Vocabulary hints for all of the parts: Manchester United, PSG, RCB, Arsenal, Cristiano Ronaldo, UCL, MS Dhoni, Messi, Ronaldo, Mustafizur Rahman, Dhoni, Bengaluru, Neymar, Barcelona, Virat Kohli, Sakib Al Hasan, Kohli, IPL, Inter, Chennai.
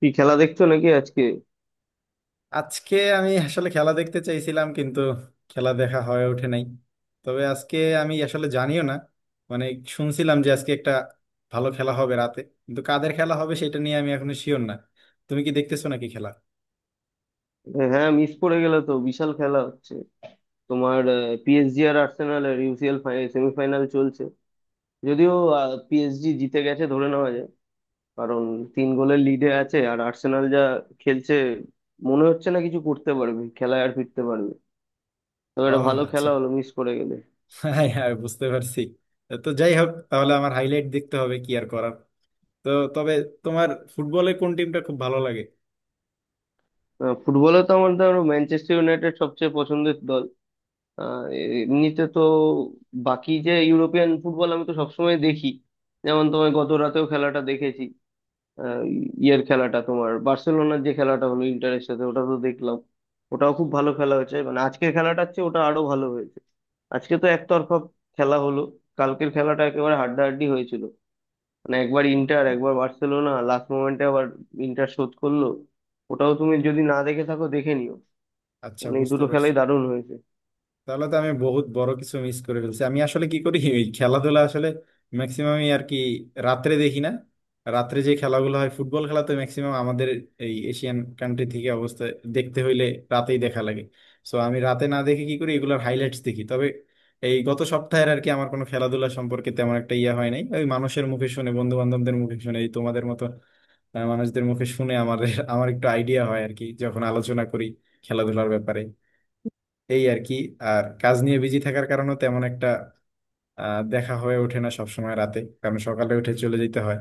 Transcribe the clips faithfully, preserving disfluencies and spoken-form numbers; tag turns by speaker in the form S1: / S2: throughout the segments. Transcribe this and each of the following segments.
S1: কি খেলা দেখছো নাকি আজকে?
S2: আজকে আমি আসলে খেলা দেখতে চাইছিলাম, কিন্তু খেলা দেখা হয়ে ওঠে নাই। তবে আজকে আমি আসলে জানিও না, মানে শুনছিলাম যে আজকে একটা ভালো খেলা হবে রাতে, কিন্তু কাদের খেলা হবে সেটা নিয়ে আমি এখনো শিওর না। তুমি কি দেখতেছো নাকি খেলা?
S1: হ্যাঁ, মিস করে গেলে তো, বিশাল খেলা হচ্ছে তোমার। পিএসজি আর আর্সেনালের ইউসিএল সেমিফাইনাল চলছে। যদিও পিএসজি জিতে গেছে ধরে নেওয়া যায়, কারণ তিন গোলের লিডে আছে। আর আর্সেনাল যা খেলছে, মনে হচ্ছে না কিছু করতে পারবে, খেলায় আর ফিরতে পারবে। তবে
S2: ও,
S1: একটা ভালো
S2: আচ্ছা।
S1: খেলা হলো, মিস করে গেলে।
S2: হ্যাঁ, হ্যাঁ, বুঝতে পারছি। তো যাই হোক, তাহলে আমার হাইলাইট দেখতে হবে, কি আর করার। তো তবে তোমার ফুটবলে কোন টিমটা খুব ভালো লাগে?
S1: আহ, ফুটবলে তো আমার ধরো ম্যানচেস্টার ইউনাইটেড সবচেয়ে পছন্দের দল। আহ, এমনিতে তো বাকি যে ইউরোপিয়ান ফুটবল, আমি তো সবসময় দেখি। যেমন তোমার গত রাতেও খেলাটা দেখেছি। আহ, ইয়ের খেলাটা, তোমার বার্সেলোনার যে খেলাটা হলো ইন্টারের সাথে, ওটা তো দেখলাম। ওটাও খুব ভালো খেলা হয়েছে, মানে আজকের খেলাটার চেয়ে ওটা আরো ভালো হয়েছে। আজকে তো একতরফা খেলা হলো। কালকের খেলাটা একেবারে হাড্ডাহাড্ডি হয়েছিল। মানে একবার ইন্টার, একবার বার্সেলোনা, লাস্ট মোমেন্টে আবার ইন্টার শোধ করলো। ওটাও তুমি যদি না দেখে থাকো, দেখে নিও।
S2: আচ্ছা
S1: মানে এই
S2: বুঝতে
S1: দুটো
S2: পারছি।
S1: খেলাই দারুণ হয়েছে।
S2: তাহলে তো আমি বহুত বড় কিছু মিস করে ফেলছি। আমি আসলে কি করি, ওই খেলাধুলা আসলে ম্যাক্সিমামই আর কি রাত্রে দেখি না। রাত্রে যে খেলাগুলো হয় ফুটবল খেলা তো ম্যাক্সিমাম আমাদের এই এশিয়ান কান্ট্রি থেকে অবস্থা দেখতে হইলে রাতেই দেখা লাগে। সো আমি রাতে না দেখে কি করি, এগুলোর হাইলাইটস দেখি। তবে এই গত সপ্তাহের আর কি আমার কোনো খেলাধুলা সম্পর্কে তেমন একটা ইয়ে হয় নাই, ওই মানুষের মুখে শুনে, বন্ধু বান্ধবদের মুখে শুনে, এই তোমাদের মতো আহ, মানুষদের মুখে শুনে আমার আমার একটু আইডিয়া হয় আর কি যখন আলোচনা করি খেলাধুলার ব্যাপারে এই আর কি। আর কাজ নিয়ে বিজি থাকার কারণে তেমন একটা আহ, দেখা হয়ে ওঠে না সবসময় রাতে, কারণ সকালে উঠে চলে যেতে হয়।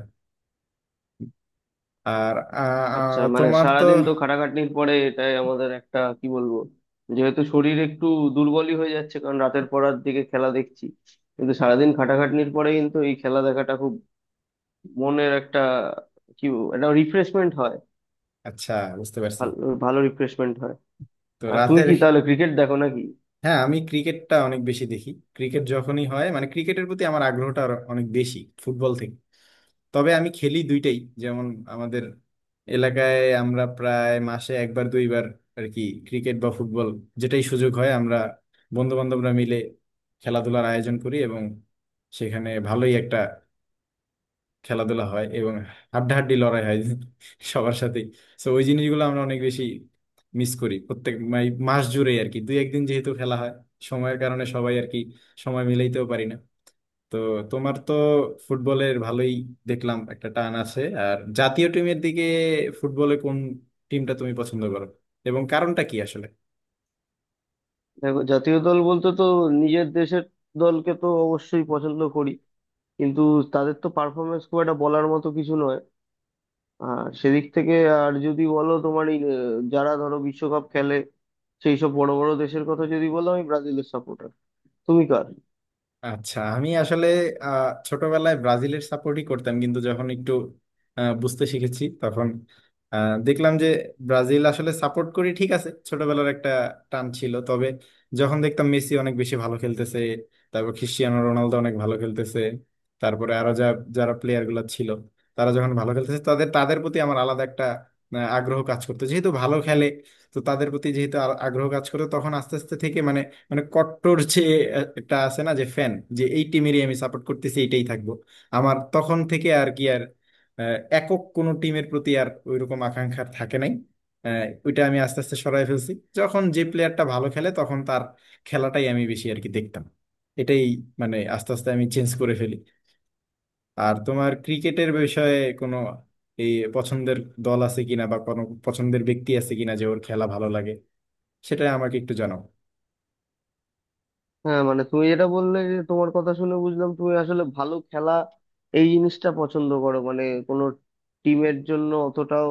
S2: আর আহ,
S1: আচ্ছা,
S2: আহ,
S1: মানে
S2: তোমার তো।
S1: সারাদিন তো খাটাখাটনির পরে এটাই আমাদের একটা, কি বলবো, যেহেতু শরীর একটু দুর্বলই হয়ে যাচ্ছে, কারণ রাতের পরার দিকে খেলা দেখছি। কিন্তু সারাদিন খাটাখাটনির পরে কিন্তু এই খেলা দেখাটা খুব মনের একটা, কি বলবো, একটা রিফ্রেশমেন্ট হয়।
S2: আচ্ছা বুঝতে পারছি।
S1: ভালো, ভালো রিফ্রেশমেন্ট হয়।
S2: তো
S1: আর তুমি
S2: রাতের।
S1: কি তাহলে ক্রিকেট দেখো নাকি?
S2: হ্যাঁ আমি ক্রিকেটটা অনেক বেশি দেখি। ক্রিকেট যখনই হয়, মানে ক্রিকেটের প্রতি আমার আগ্রহটা আরো অনেক বেশি ফুটবল থেকে। তবে আমি খেলি দুইটাই। যেমন আমাদের এলাকায় আমরা প্রায় মাসে একবার দুইবার আর কি ক্রিকেট বা ফুটবল যেটাই সুযোগ হয় আমরা বন্ধু বান্ধবরা মিলে খেলাধুলার আয়োজন করি, এবং সেখানে ভালোই একটা খেলাধুলা হয় এবং হাড্ডাহাড্ডি লড়াই হয় সবার সাথেই। তো ওই জিনিসগুলো আমরা অনেক বেশি মিস করি প্রত্যেক মানে মাস জুড়ে আর কি দুই একদিন যেহেতু খেলা হয়, সময়ের কারণে সবাই আর কি সময় মিলাইতেও পারি না। তো তোমার তো ফুটবলের ভালোই দেখলাম একটা টান আছে আর জাতীয় টিমের দিকে। ফুটবলে কোন টিমটা তুমি পছন্দ করো এবং কারণটা কি আসলে?
S1: দেখো, জাতীয় দল বলতে তো নিজের দেশের দলকে তো অবশ্যই পছন্দ করি, কিন্তু তাদের তো পারফরমেন্স খুব একটা বলার মতো কিছু নয়। আর সেদিক থেকে, আর যদি বলো তোমার এই আহ, যারা ধরো বিশ্বকাপ খেলে, সেই সব বড় বড় দেশের কথা যদি বলো, আমি ব্রাজিলের সাপোর্টার। তুমি কার?
S2: আচ্ছা, আমি আসলে আহ, ছোটবেলায় ব্রাজিলের সাপোর্টই করতাম, কিন্তু যখন একটু আহ, বুঝতে শিখেছি তখন আহ, দেখলাম যে ব্রাজিল আসলে সাপোর্ট করি ঠিক আছে, ছোটবেলার একটা টান ছিল, তবে যখন দেখতাম মেসি অনেক বেশি ভালো খেলতেছে, তারপর ক্রিস্টিয়ানো রোনালদো অনেক ভালো খেলতেছে, তারপরে আরো যা যারা প্লেয়ার গুলো ছিল তারা যখন ভালো খেলতেছে তাদের তাদের প্রতি আমার আলাদা একটা আহ, আগ্রহ কাজ করতো যেহেতু ভালো খেলে। তো তাদের প্রতি যেহেতু আর- আগ্রহ কাজ করতো তখন আস্তে আস্তে থেকে মানে মানে কট্টর যে একটা আছে না যে ফ্যান, যে এই টিমেরই আমি সাপোর্ট করতেছি এইটাই থাকবো, আমার তখন থেকে আর কি আর আহ, একক কোনো টিমের প্রতি আর ওইরকম আকাঙ্ক্ষা আর থাকে নাই। আহ, ওইটা আমি আস্তে আস্তে সরাই ফেলছি। যখন যে প্লেয়ারটা ভালো খেলে তখন তার খেলাটাই আমি বেশি আর কি দেখতাম, এটাই মানে আস্তে আস্তে আমি চেঞ্জ করে ফেলি। আর তোমার ক্রিকেটের বিষয়ে কোনো এই পছন্দের দল আছে কিনা, বা কোনো পছন্দের ব্যক্তি আছে কিনা যে ওর খেলা ভালো লাগে, সেটা আমাকে একটু জানাও।
S1: হ্যাঁ, মানে তুমি যেটা বললে, যে তোমার কথা শুনে বুঝলাম, তুমি আসলে ভালো খেলা এই জিনিসটা পছন্দ করো, মানে কোনো টিমের জন্য অতটাও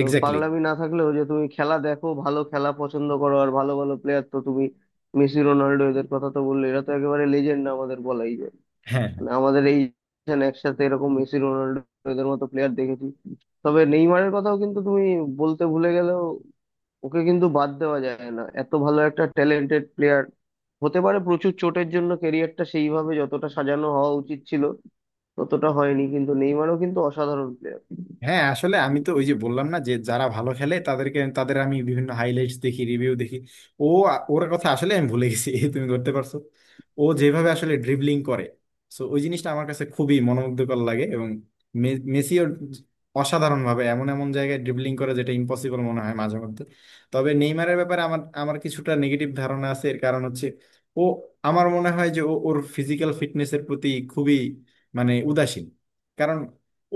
S1: আহ,
S2: এক্স্যাক্টলি।
S1: পাগলামি না থাকলেও, যে তুমি খেলা দেখো, ভালো খেলা পছন্দ করো। আর ভালো ভালো প্লেয়ার তো তুমি মেসি রোনাল্ডো এদের কথা তো বললে, এরা তো একেবারে লেজেন্ড আমাদের বলাই যায়।
S2: হ্যাঁ, হ্যাঁ।
S1: আমাদের এই generation একসাথে এরকম মেসি রোনাল্ডো এদের মতো প্লেয়ার দেখেছি। তবে নেইমারের কথাও কিন্তু তুমি বলতে ভুলে গেলেও, ওকে কিন্তু বাদ দেওয়া যায় না, এত ভালো একটা ট্যালেন্টেড প্লেয়ার। হতে পারে প্রচুর চোটের জন্য ক্যারিয়ারটা সেইভাবে যতটা সাজানো হওয়া উচিত ছিল ততটা হয়নি, কিন্তু নেইমারও কিন্তু অসাধারণ প্লেয়ার।
S2: হ্যাঁ আসলে আমি তো ওই যে বললাম না যে যারা ভালো খেলে তাদেরকে তাদের আমি বিভিন্ন হাইলাইটস দেখি রিভিউ দেখি। ও, ওর কথা আসলে আমি ভুলে গেছি এই তুমি ধরতে পারছো। ও যেভাবে আসলে ড্রিবলিং করে সো ওই জিনিসটা আমার কাছে খুবই মনোমুগ্ধকর লাগে। এবং মে- মেসিও অসাধারণ ভাবে এমন এমন জায়গায় ড্রিবলিং করে যেটা ইম্পসিবল মনে হয় মাঝে মধ্যে। তবে নেইমারের ব্যাপারে আমার আমার কিছুটা নেগেটিভ ধারণা আছে, এর কারণ হচ্ছে ও, আমার মনে হয় যে ও ওর ফিজিক্যাল ফিটনেসের প্রতি খুবই মানে উদাসীন। কারণ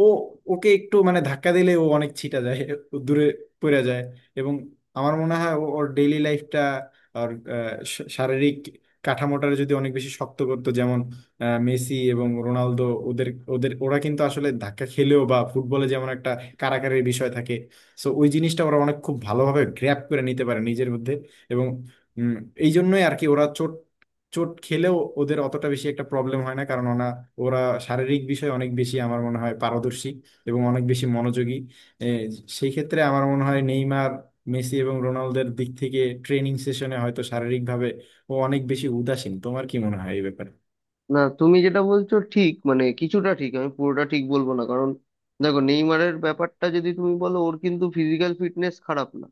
S2: ও ওকে একটু মানে ধাক্কা দিলে ও অনেক ছিটা যায়, ও দূরে পড়ে যায়। এবং আমার মনে হয় ও- ওর ডেইলি লাইফটা আর আহ, শা- শারীরিক কাঠামোটার যদি অনেক বেশি শক্ত করতো যেমন আহ, মেসি এবং রোনালদো ওদের ওদের ওরা কিন্তু আসলে ধাক্কা খেলেও বা ফুটবলে যেমন একটা কারাকারির বিষয় থাকে সো ওই জিনিসটা ওরা অনেক খুব ভালোভাবে গ্র্যাপ করে নিতে পারে নিজের মধ্যে। এবং উম, এই জন্যই আর কি ওরা চোট চোট খেলেও ওদের অতটা বেশি একটা প্রবলেম হয় না, কারণ ওনা ওরা শারীরিক বিষয়ে অনেক বেশি আমার মনে হয় পারদর্শী এবং অনেক বেশি মনোযোগী। এ, সেই ক্ষেত্রে আমার মনে হয় নেইমার মেসি এবং রোনালদোর দিক থেকে ট্রেনিং সেশনে হয়তো শারীরিকভাবে ও অনেক বেশি উদাসীন। তোমার কি মনে হয় এই ব্যাপারে?
S1: না, তুমি যেটা বলছো ঠিক, মানে কিছুটা ঠিক, আমি পুরোটা ঠিক বলবো না। কারণ দেখো, নেইমারের ব্যাপারটা যদি তুমি বলো, ওর কিন্তু ফিজিক্যাল ফিটনেস খারাপ না।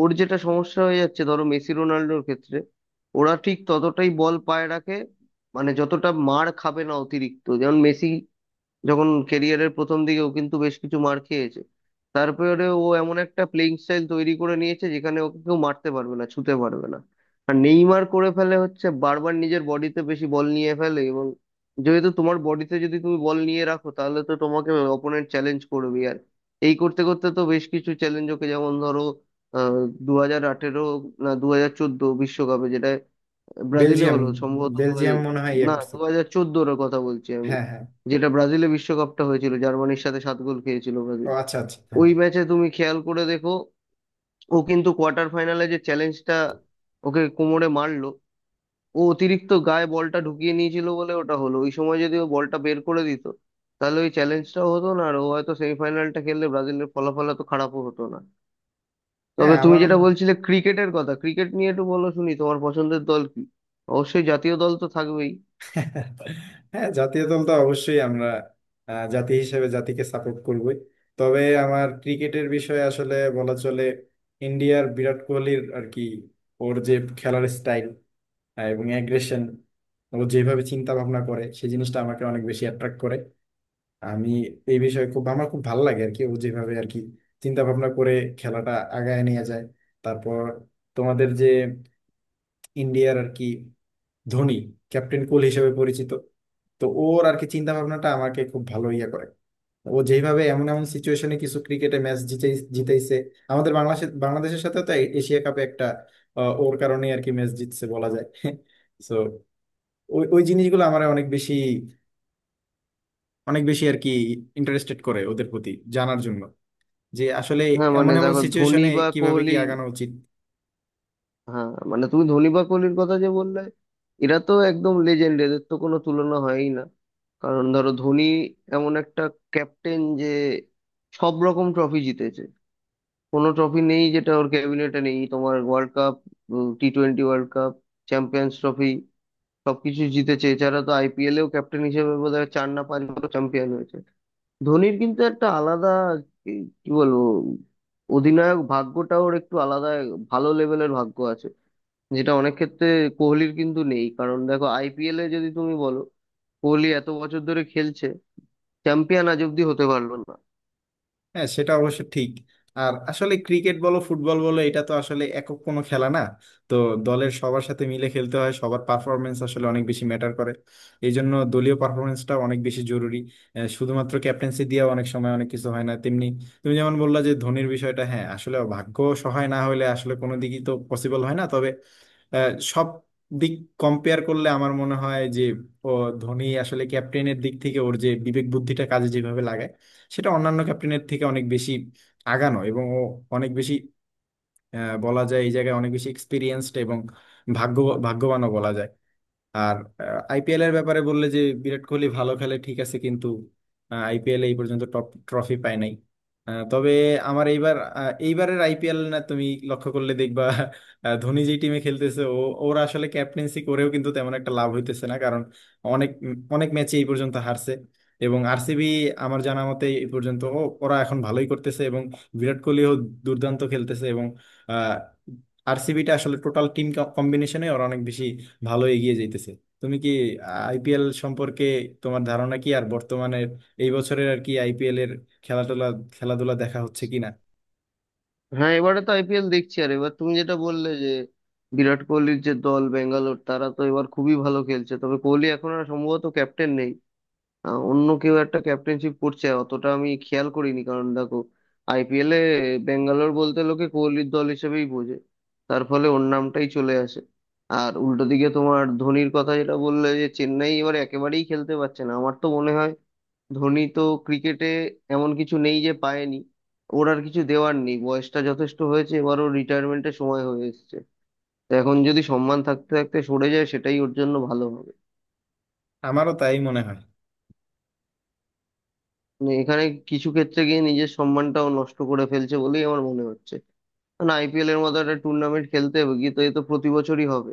S1: ওর যেটা সমস্যা হয়ে যাচ্ছে, ধরো মেসি রোনাল্ডোর ক্ষেত্রে, ওরা ঠিক ততটাই বল পায়ে রাখে, মানে যতটা মার খাবে না অতিরিক্ত। যেমন মেসি যখন কেরিয়ারের প্রথম দিকে, ও কিন্তু বেশ কিছু মার খেয়েছে। তারপরে ও এমন একটা প্লেইং স্টাইল তৈরি করে নিয়েছে যেখানে ওকে কেউ মারতে পারবে না, ছুতে পারবে না। আর নেইমার করে ফেলে হচ্ছে, বারবার নিজের বডিতে বেশি বল নিয়ে ফেলে। এবং যেহেতু তোমার বডিতে যদি তুমি বল নিয়ে রাখো, তাহলে তো তোমাকে অপোনেন্ট চ্যালেঞ্জ করবে। আর এই করতে করতে তো বেশ কিছু চ্যালেঞ্জ ওকে, যেমন ধরো আহ দু হাজার আঠেরো না দু হাজার চোদ্দ বিশ্বকাপে, যেটা ব্রাজিলে
S2: বেলজিয়াম,
S1: হলো, সম্ভবত দু
S2: বেলজিয়াম
S1: হাজার-
S2: মনে হয় ইয়ে
S1: না
S2: করছে।
S1: দু হাজার চোদ্দোর কথা বলছি আমি,
S2: হ্যাঁ, হ্যাঁ।
S1: যেটা ব্রাজিলে বিশ্বকাপটা হয়েছিল, জার্মানির সাথে সাত গোল খেয়েছিল
S2: ও
S1: ব্রাজিল।
S2: আচ্ছা, আচ্ছা, হ্যাঁ।
S1: ওই ম্যাচে তুমি খেয়াল করে দেখো, ও কিন্তু কোয়ার্টার ফাইনালে যে চ্যালেঞ্জটা ওকে কোমরে মারলো, ও অতিরিক্ত গায়ে বলটা ঢুকিয়ে নিয়েছিল বলে ওটা হলো। ওই সময় যদি ও বলটা বের করে দিত, তাহলে ওই চ্যালেঞ্জটাও হতো না, আর ও হয়তো সেমিফাইনালটা খেললে ব্রাজিলের ফলাফল তো খারাপও হতো না।
S2: হ্যাঁ
S1: তবে তুমি
S2: আমার।
S1: যেটা বলছিলে ক্রিকেটের কথা, ক্রিকেট নিয়ে একটু বলো শুনি, তোমার পছন্দের দল কি? অবশ্যই জাতীয় দল তো থাকবেই।
S2: হ্যাঁ জাতীয় দল তো অবশ্যই আমরা আহ, জাতি হিসেবে জাতিকে সাপোর্ট করবই। তবে আমার ক্রিকেটের বিষয়ে আসলে বলা চলে ইন্ডিয়ার বিরাট কোহলির আর কি ওর যে খেলার স্টাইল এবং অ্যাগ্রেশন, ও যেভাবে চিন্তা ভাবনা করে সেই জিনিসটা আমাকে অনেক বেশি অ্যাট্রাক্ট করে। আমি এই বিষয়ে খুব আমার খুব ভালো লাগে আর কি ও যেভাবে আর কি চিন্তা ভাবনা করে খেলাটা আগায় নিয়ে যায়। তারপর তোমাদের যে ইন্ডিয়ার আর কি ধোনি ক্যাপ্টেন কুল হিসেবে পরিচিত, তো ওর আর কি চিন্তা ভাবনাটা আমাকে খুব ভালো ইয়ে করে। ও যেভাবে এমন এমন সিচুয়েশনে কিছু ক্রিকেটে ম্যাচ জিতে জিতাইছে, আমাদের বাংলাদেশের বাংলাদেশের সাথে তো এ- এশিয়া কাপে একটা আহ, ওর কারণে আর কি ম্যাচ জিতছে বলা যায় সো ওই ওই জিনিসগুলো আমার অনেক বেশি অনেক বেশি আর কি ইন্টারেস্টেড করে ওদের প্রতি জানার জন্য যে আসলে
S1: হ্যাঁ,
S2: এমন
S1: মানে
S2: এমন
S1: দেখো, ধোনি
S2: সিচুয়েশনে
S1: বা
S2: কিভাবে কি
S1: কোহলি,
S2: আগানো উচিত।
S1: হ্যাঁ মানে তুমি ধোনি বা কোহলির কথা যে বললে, এরা তো একদম লেজেন্ড, এদের তো কোনো তুলনা হয়ই না। কারণ ধরো ধোনি এমন একটা ক্যাপ্টেন যে সব রকম ট্রফি জিতেছে। কোনো ট্রফি নেই যেটা ওর ক্যাবিনেটে নেই, তোমার world cup, T twenty world cup, champions trophy, সবকিছু জিতেছে। এছাড়া তো আইপিএলেও ক্যাপ্টেন হিসেবে বোধহয় চার না পাঁচবার চ্যাম্পিয়ন হয়েছে। ধোনির কিন্তু একটা আলাদা, কি, কি বলবো, অধিনায়ক ভাগ্যটা ওর একটু আলাদা, ভালো লেভেলের ভাগ্য আছে, যেটা অনেক ক্ষেত্রে কোহলির কিন্তু নেই। কারণ দেখো, আইপিএল এ যদি তুমি বলো, কোহলি এত বছর ধরে খেলছে, চ্যাম্পিয়ন আজ অব্দি হতে পারলো না।
S2: হ্যাঁ সেটা অবশ্য ঠিক। আর আসলে ক্রিকেট বলো ফুটবল বলো এটা তো আসলে একক কোনো খেলা না, তো দলের সবার সাথে মিলে খেলতে হয়, সবার পারফরমেন্স আসলে অনেক বেশি ম্যাটার করে। এই জন্য দলীয় পারফরমেন্সটা অনেক বেশি জরুরি। আহ, শুধুমাত্র ক্যাপ্টেন্সি দিয়ে অনেক সময় অনেক কিছু হয় না, তেমনি তুমি যেমন বললা যে ধোনির বিষয়টা, হ্যাঁ আসলে ভাগ্য সহায় না হলে আসলে কোনো দিকই তো পসিবল হয় না। তবে আহ, সব দিক কম্পেয়ার করলে আমার মনে হয় যে ও, ধোনি আসলে ক্যাপ্টেনের দিক থেকে ওর যে বিবেক বুদ্ধিটা কাজে যেভাবে লাগায় সেটা অন্যান্য ক্যাপ্টেনের থেকে অনেক বেশি আগানো, এবং ও অনেক বেশি আহ, বলা যায় এই জায়গায় অনেক বেশি এক্সপিরিয়েন্সড এবং ভাগ্য ভাগ্যবানও বলা যায়। আর আইপিএল এর ব্যাপারে বললে যে বিরাট কোহলি ভালো খেলে ঠিক আছে, কিন্তু আইপিএল এই পর্যন্ত টপ ট্রফি পায় নাই। আহ, তবে আমার এইবার আহ, এইবারের আইপিএল না তুমি লক্ষ্য করলে দেখবা আহ, ধোনি যে টিমে খেলতেছে ও ওরা আসলে ক্যাপ্টেন্সি করেও কিন্তু তেমন একটা লাভ হইতেছে না, কারণ অনেক অনেক ম্যাচে এই পর্যন্ত হারছে। এবং আরসিবি আমার জানা মতে এই পর্যন্ত ও ওরা এখন ভালোই করতেছে, এবং বিরাট কোহলিও দুর্দান্ত খেলতেছে, এবং আহ, আরসিবিটা আসলে টোটাল টিম কম্বিনেশনে ওরা অনেক বেশি ভালো এগিয়ে যাইতেছে। তুমি কি আইপিএল সম্পর্কে তোমার ধারণা কি আর বর্তমানের এই বছরের আর কি আইপিএল এর খেলাধুলা খেলাধুলা দেখা হচ্ছে কিনা?
S1: হ্যাঁ, এবারে তো আইপিএল দেখছি। আর এবার তুমি যেটা বললে যে বিরাট কোহলির যে দল বেঙ্গালোর, তারা তো এবার খুবই ভালো খেলছে। তবে কোহলি এখন আর সম্ভবত ক্যাপ্টেন নেই, আহ, অন্য কেউ একটা ক্যাপ্টেনশিপ করছে, অতটা আমি খেয়াল করিনি। কারণ দেখো, আইপিএলে বেঙ্গালোর বলতে লোকে কোহলির দল হিসেবেই বোঝে, তার ফলে ওর নামটাই চলে আসে। আর উল্টো দিকে তোমার ধোনির কথা যেটা বললে, যে চেন্নাই এবার একেবারেই খেলতে পারছে না, আমার তো মনে হয় ধোনি তো ক্রিকেটে এমন কিছু নেই যে পায়নি। ওর আর কিছু দেওয়ার নেই, বয়সটা যথেষ্ট হয়েছে, এবার ওর রিটায়ারমেন্টের সময় হয়ে এসেছে। তো এখন যদি সম্মান থাকতে থাকতে সরে যায়, সেটাই ওর জন্য ভালো হবে।
S2: আমারও তাই মনে হয়।
S1: মানে এখানে কিছু ক্ষেত্রে গিয়ে নিজের সম্মানটাও নষ্ট করে ফেলছে বলেই আমার মনে হচ্ছে। কারণ আইপিএল এর মতো একটা টুর্নামেন্ট, খেলতে হবে গিয়ে তো, এ তো প্রতি বছরই হবে।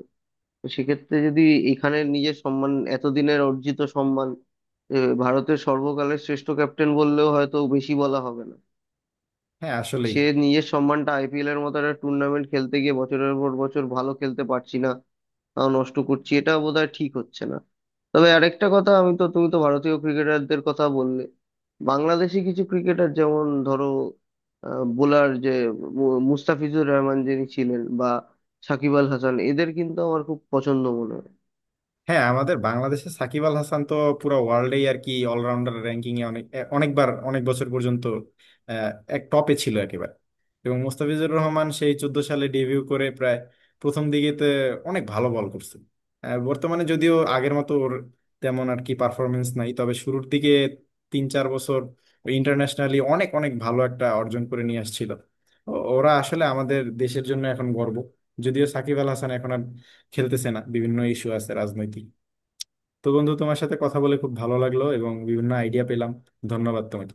S1: তো সেক্ষেত্রে যদি এখানে নিজের সম্মান, এতদিনের অর্জিত সম্মান, এ, ভারতের সর্বকালের শ্রেষ্ঠ ক্যাপ্টেন বললেও হয়তো বেশি বলা হবে না,
S2: হ্যাঁ আসলেই।
S1: সে নিজের সম্মানটা আইপিএল এর মতো একটা টুর্নামেন্ট খেলতে গিয়ে, বছরের পর বছর ভালো খেলতে পারছি না, তাও নষ্ট করছি, এটা বোধহয় ঠিক হচ্ছে না। তবে আরেকটা কথা, আমি তো, তুমি তো ভারতীয় ক্রিকেটারদের কথা বললে, বাংলাদেশি কিছু ক্রিকেটার যেমন ধরো, বোলার যে মু- মুস্তাফিজুর রহমান যিনি ছিলেন, বা সাকিব আল হাসান, এদের কিন্তু আমার খুব পছন্দ মনে হয়।
S2: হ্যাঁ আমাদের বাংলাদেশে সাকিব আল হাসান তো পুরো ওয়ার্ল্ডেই আর কি অলরাউন্ডার র্যাঙ্কিং এ অনেক এ- অনেকবার অনেক বছর পর্যন্ত আহ, এক টপে ছিল একেবারে। এবং মোস্তাফিজুর রহমান সেই চোদ্দ সালে ডেবিউ করে প্রায় প্রথম দিকেতে অনেক ভালো বল করছে। আহ, বর্তমানে যদিও আগের মতো ওর তেমন আর কি পারফরমেন্স নাই, তবে শুরুর দিকে তিন চার বছর ইন্টারন্যাশনালি অনেক অনেক ভালো একটা অর্জন করে নিয়ে আসছিল। ও- ওরা আসলে আমাদের দেশের জন্য এখন গর্ব, যদিও সাকিব আল হাসান এখন আর খেলতেছে না, বিভিন্ন ইস্যু আছে রাজনৈতিক। তো বন্ধু তোমার সাথে কথা বলে খুব ভালো লাগলো এবং বিভিন্ন আইডিয়া পেলাম। ধন্যবাদ তোমাকে।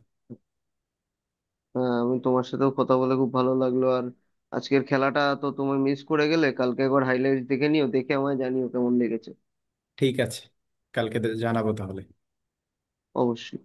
S1: হ্যাঁ, আমি তোমার সাথেও কথা বলে খুব ভালো লাগলো। আর আজকের খেলাটা তো তুমি মিস করে গেলে, কালকে একবার হাইলাইট দেখে নিও, দেখে আমায় জানিও কেমন লেগেছে।
S2: ঠিক আছে, কালকে দে- জানাবো তাহলে।
S1: অবশ্যই।